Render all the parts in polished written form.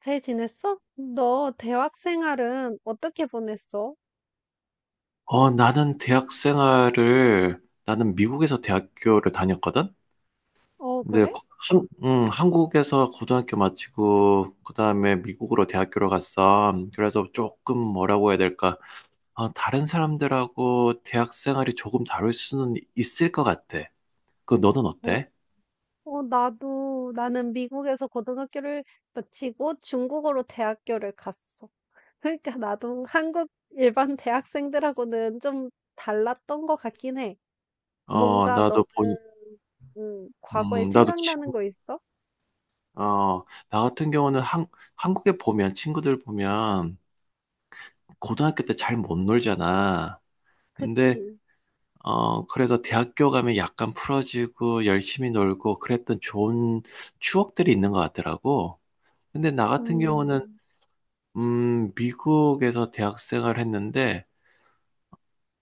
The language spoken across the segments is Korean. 잘 지냈어? 너 대학 생활은 어떻게 보냈어? 나는 미국에서 대학교를 다녔거든? 어, 근데, 그래? 한국에서 고등학교 마치고, 그 다음에 미국으로 대학교를 갔어. 그래서 조금 뭐라고 해야 될까. 다른 사람들하고 대학 생활이 조금 다를 수는 있을 것 같아. 그, 너는 어, 어때? 나는 미국에서 고등학교를 마치고 중국으로 대학교를 갔어. 그러니까 나도 한국 일반 대학생들하고는 좀 달랐던 것 같긴 해. 어, 뭔가 너는, 나도 보니, 과거에 나도 친, 생각나는 거 있어? 어, 나 같은 경우는 한국에 보면, 친구들 보면, 고등학교 때 잘 못 놀잖아. 근데, 그치? 그래서 대학교 가면 약간 풀어지고 열심히 놀고 그랬던 좋은 추억들이 있는 것 같더라고. 근데 나 같은 경우는, 음, 미국에서 대학 생활 했는데,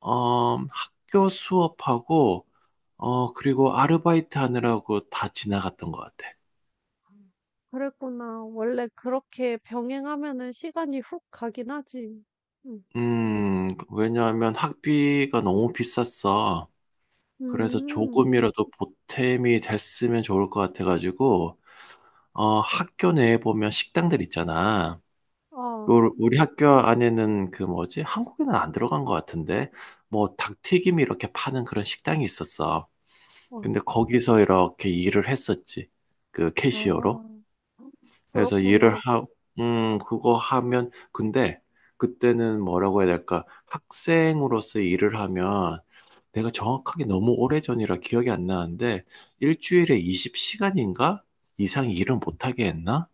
학교 수업하고, 그리고 아르바이트 하느라고 다 지나갔던 것 같아. 그랬구나. 원래 그렇게 병행하면은 시간이 훅 가긴 하지. 음. 왜냐하면 학비가 너무 비쌌어. 그래서 음. 조금이라도 보탬이 됐으면 좋을 것 같아가지고, 학교 내에 보면 식당들 있잖아. 어. 우리 학교 안에는 그 뭐지? 한국에는 안 들어간 것 같은데, 뭐 닭튀김 이렇게 파는 그런 식당이 있었어. 어. 근데 거기서 이렇게 일을 했었지. 그 아. 캐시어로. 그래서 일을 그렇구나. 하, 그거 하면, 근데 그때는 뭐라고 해야 될까? 학생으로서 일을 하면 내가 정확하게 너무 오래전이라 기억이 안 나는데, 일주일에 20시간인가? 이상 일을 못하게 했나?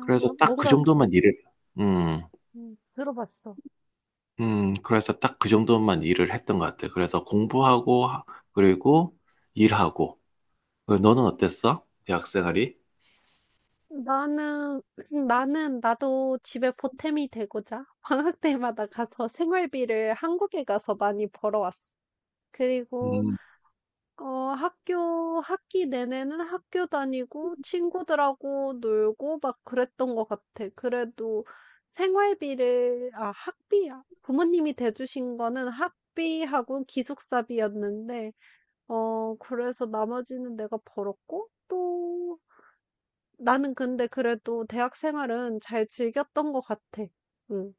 그래서 딱 그 뭔가 그 정도만 일을, 음. 들어봤어. 그래서 딱 그 정도만 일을 했던 것 같아. 그래서 공부하고, 그리고 일하고. 너는 어땠어? 대학 생활이? 나는 나는 나도 집에 보탬이 되고자 방학 때마다 가서 생활비를 한국에 가서 많이 벌어왔어. 그리고 음, 학교 학기 내내는 학교 다니고 친구들하고 놀고 막 그랬던 것 같아. 그래도 생활비를, 아, 학비야. 부모님이 대주신 거는 학비하고 기숙사비였는데 그래서 나머지는 내가 벌었고 또 나는 근데 그래도 대학 생활은 잘 즐겼던 것 같아. 응.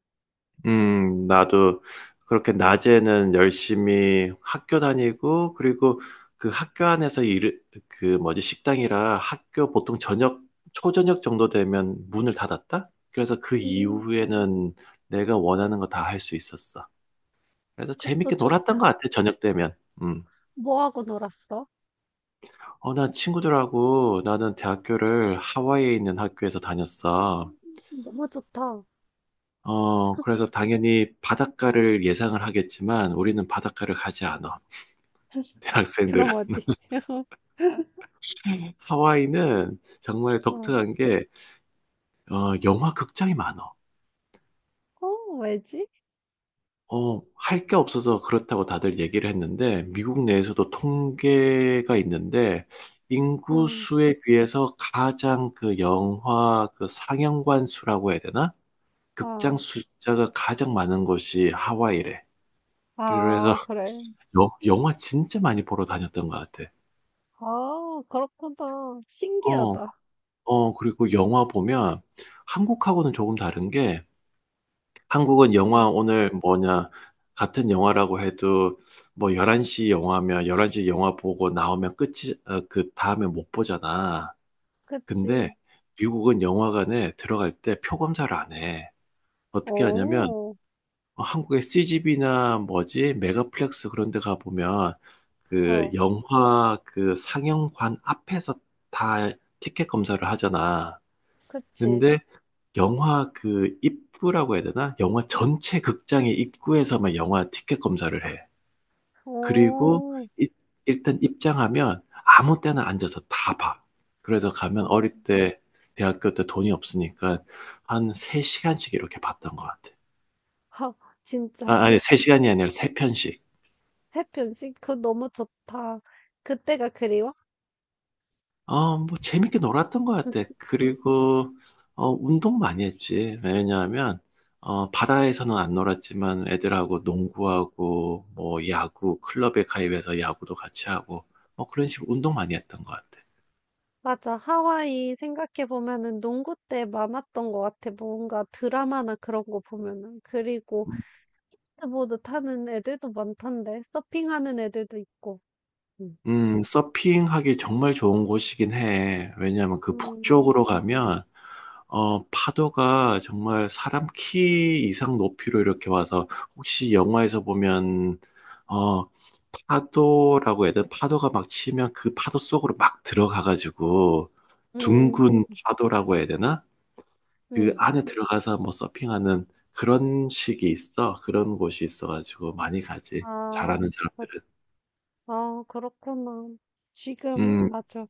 나도 그렇게 낮에는 열심히 학교 다니고, 그리고 그 학교 안에서 그 뭐지, 식당이라 학교 보통 저녁, 초저녁 정도 되면 문을 닫았다? 그래서 그 음, 이후에는 내가 원하는 거 다 할 수 있었어. 그래서 그것도 재밌게 놀았던 것 좋다. 같아, 저녁 되면. 음. 뭐 하고 놀았어? 어, 나 친구들하고 나는 대학교를 하와이에 있는 학교에서 다녔어. 음, 너무 좋다. 그래서 당연히 바닷가를 예상을 하겠지만 우리는 바닷가를 가지 않아. 대학생들은. 그럼 어디? 하와이는 정말 어. 독특한 게, 영화 극장이 많아. 어, 왜지? 할 게 없어서 그렇다고 다들 얘기를 했는데, 미국 내에서도 통계가 있는데, 인구 응. 수에 비해서 가장 그 영화 그 상영관 수라고 해야 되나? 극장 아, 숫자가 가장 많은 곳이 하와이래. 그래서 아, 그래. 여 영화 진짜 많이 보러 다녔던 것 같아. 아, 그렇구나. 어. 신기하다. 그리고 영화 보면 한국하고는 조금 다른 게 한국은 영화 어, 오늘 뭐냐 같은 영화라고 해도 뭐 1 1시 영화면 1 1시 영화 보고 나오면 끝이 그 다음에 못 보잖아. 근데 그치. 미국은 영화관에 들어갈 때 표 검사를 안 해. 어떻게 하냐면 어, 한국의 CGV나 뭐지 메가플렉스 그런 데 가보면 그 어, 영화 그 상영관 앞에서 다 티켓 검사를 하잖아. 그치. 근데 영화 그 입구라고 해야 되나? 영화 전체 극장의 입구에서만 영화 티켓 검사를 해. 어, 그리고 이- 일단 입장하면 아무 때나 앉아서 다 봐. 그래서 가면 어, 어릴 때 대학교 때 돈이 없으니까 한 3시간씩 이렇게 봤던 것 같아. 하, 아, 진짜. 아니 3시간이 아니라 3편씩. 해변씨, 그거 너무 좋다. 그때가 그리워? 재밌게 놀았던 것 같아. 그리고, 운동 많이 했지. 왜냐하면, 바다에서는 안 놀았지만 애들하고 농구하고, 뭐, 야구, 클럽에 가입해서 야구도 같이 하고, 뭐, 그런 식으로 운동 많이 했던 것 같아. 맞아. 하와이 생각해보면은 농구 때 많았던 것 같아. 뭔가 드라마나 그런 거 보면은. 그리고 스케보드 타는 애들도 많던데. 서핑하는 애들도 있고. 음. 서핑하기 정말 좋은 곳이긴 해. 왜냐하면 그 음. 북쪽으로 가면, 파도가 정말 사람 키 이상 높이로 이렇게 와서, 혹시 영화에서 보면, 어, 파도라고 해야 되나? 파도가 막 치면 그 파도 속으로 막 들어가가지고, 음. 둥근 파도라고 해야 되나? 그 음. 안에 들어가서 뭐 서핑하는 그런 식이 있어. 그런 곳이 있어가지고 많이 가지. 아. 잘하는 그. 사람들은. 아, 그렇구나. 지금 음. 맞아.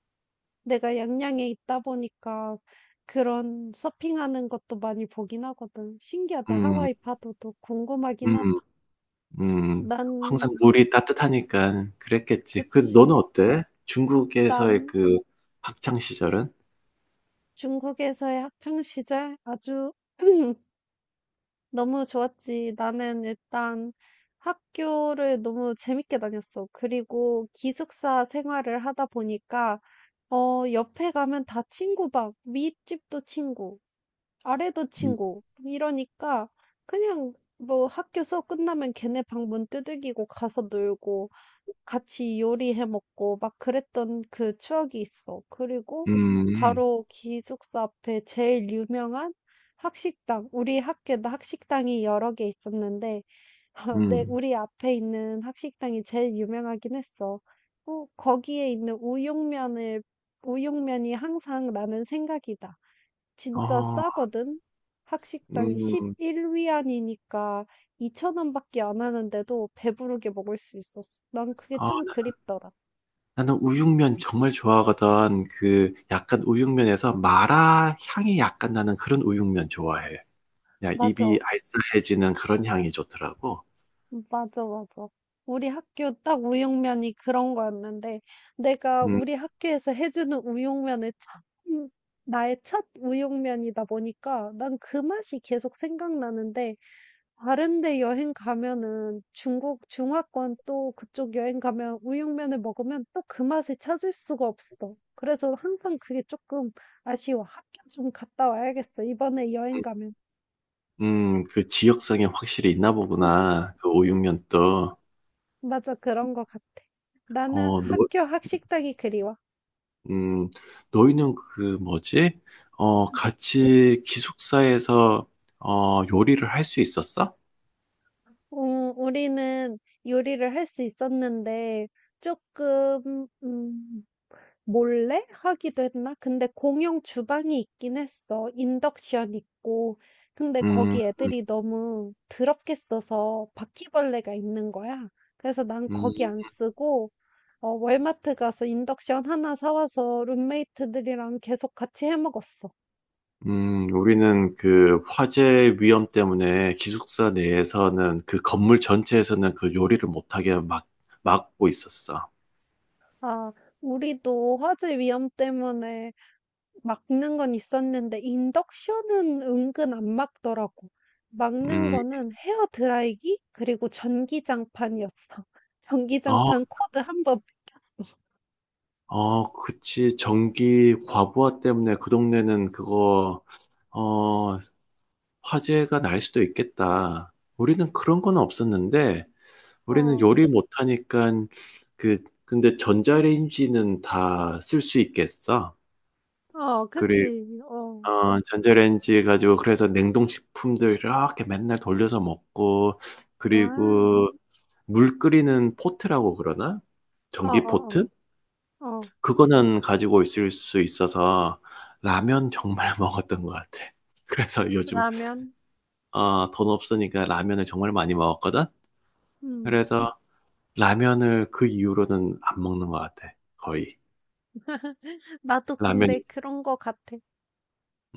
내가 양양에 있다 보니까 그런 서핑하는 것도 많이 보긴 하거든. 신기하다. 음. 하와이 파도도 궁금하긴 하다. 음. 음. 난. 항상 물이 따뜻하니까 그랬겠지. 그 그치. 너는 어때? 중국에서의 난 그 학창 시절은? 중국에서의 학창 시절 아주 너무 좋았지. 나는 일단 학교를 너무 재밌게 다녔어. 그리고 기숙사 생활을 하다 보니까 옆에 가면 다 친구 막 윗집도 친구, 아래도 음. 친구 이러니까 그냥 뭐 학교 수업 끝나면 걔네 방문 두들기고 가서 놀고 같이 요리해 먹고 막 그랬던 그 추억이 있어. 그리고 음. 바로 기숙사 앞에 제일 유명한 학식당, 우리 학교에도 학식당이 여러 개 있었는데 아, 네. 음. 우리 앞에 있는 학식당이 제일 유명하긴 했어. 거기에 있는 우육면을 우육면이 항상 나는 생각이다. 진짜 어. 싸거든. 학식당이 음. 11 위안이니까 2천 원밖에 안 하는데도 배부르게 먹을 수 있었어. 난 그게 어 좀 그립더라. 나는 우육면 정말 좋아하거든. 그 약간 우육면에서 마라 향이 약간 나는 그런 우육면 좋아해. 야 입이 맞아. 알싸해지는 그런 향이 좋더라고. 맞아, 맞아. 우리 학교 딱 우육면이 그런 거였는데, 내가 우리 음. 학교에서 해주는 우육면의 첫, 음, 나의 첫 우육면이다 보니까 난 그 맛이 계속 생각나는데, 다른 데 여행 가면은 중국, 중화권 또 그쪽 여행 가면 우육면을 먹으면 또 그 맛을 찾을 수가 없어. 그래서 항상 그게 조금 아쉬워. 학교 좀 갔다 와야겠어. 이번에 여행 음. 가면. 음. 그 지역성이 확실히 있나 음, 보구나. 그 우육면도. 맞아, 그런 거 같아. 나는 어너 학교 학식당이 그리워. 음, 너희는 그 뭐지? 같이 기숙사에서 요리를 할 수 있었어? 어 우리는 요리를 할 수 있었는데 조금 몰래 하기도 했나? 근데 공용 주방이 있긴 했어. 인덕션 있고. 근데 음. 음. 거기 애들이 너무 더럽게 써서 바퀴벌레가 있는 거야. 그래서 난 음. 거기 안 쓰고 월마트 가서 인덕션 하나 사 와서 룸메이트들이랑 계속 같이 해 먹었어. 음. 우리는 그 화재 위험 때문에 기숙사 내에서는 그 건물 전체에서는 그 요리를 못하게 막고 있었어. 아, 우리도 화재 위험 때문에 막는 건 있었는데 인덕션은 은근 안 막더라고. 막는 음. 거는 헤어 드라이기 그리고 전기장판이었어. 어. 전기장판 코드 한 번 뺏겼어. 어, 그치. 전기 과부하 때문에 그 동네는 그거, 어 화재가 날 수도 있겠다. 우리는 그런 건 없었는데 우리는 어, 요리 못하니까 그 근데 전자레인지는 다 쓸 수 있겠어. 어, 그리고 그치. 어, 전자레인지 가지고 그래서 냉동식품들 이렇게 맨날 돌려서 먹고 아, 그리고 물 끓이는 포트라고 그러나? 어, 전기 포트? 어, 어, 어. 그거는 가지고 있을 수 있어서 라면 정말 먹었던 것 같아. 그래서 요즘 라면. 돈 없으니까 라면을 정말 많이 먹었거든? 음. 그래서 라면을 그 이후로는 안 먹는 것 같아. 거의. 나도 근데 라면이, 그런 거 같아.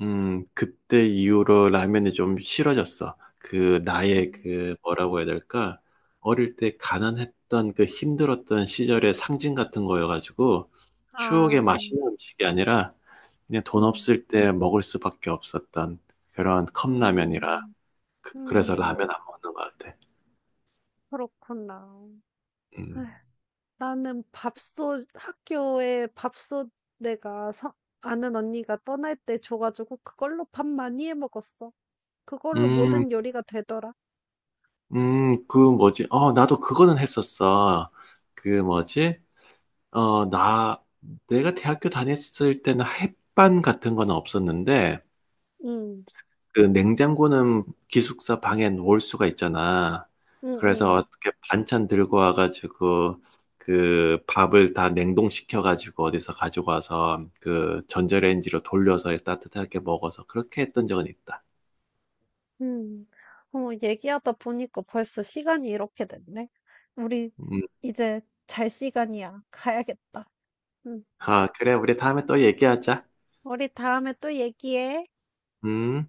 그때 이후로 라면이 좀 싫어졌어. 그 나의 음. 그 뭐라고 해야 될까? 어릴 때 가난했던 그 힘들었던 시절의 상징 같은 거여가지고 추억의 아, 맛있는 음식이 아니라 그냥 돈 음, 없을 때 먹을 수밖에 없었던 그런 컵라면이라 음, 그래서 음, 라면 안 먹는 것 같아. 그렇구나. 음. 나는 밥솥, 학교에 밥솥, 내가 서, 아는 언니가 떠날 때 줘가지고 그걸로 밥 많이 해 먹었어. 그걸로 음, 모든 요리가 되더라. 그 뭐지? 나도 그거는 했었어. 그 뭐지? 어, 나, 내가 대학교 다녔을 때는 햇반 같은 건 없었는데, 응, 그 냉장고는 기숙사 방에 놓을 수가 있잖아. 응, 그래서 응, 어떻게 반찬 들고 와가지고, 그 밥을 다 냉동시켜가지고 어디서 가지고 와서 그 전자레인지로 돌려서 따뜻하게 먹어서 그렇게 했던 적은 있다. 응. 얘기하다 보니까 벌써 시간이 이렇게 됐네. 우리 음. 이제 잘 시간이야. 가야겠다. 응. 아, 그래. 우리 다음에 또 얘기하자. 우리 다음에 또 얘기해. 음.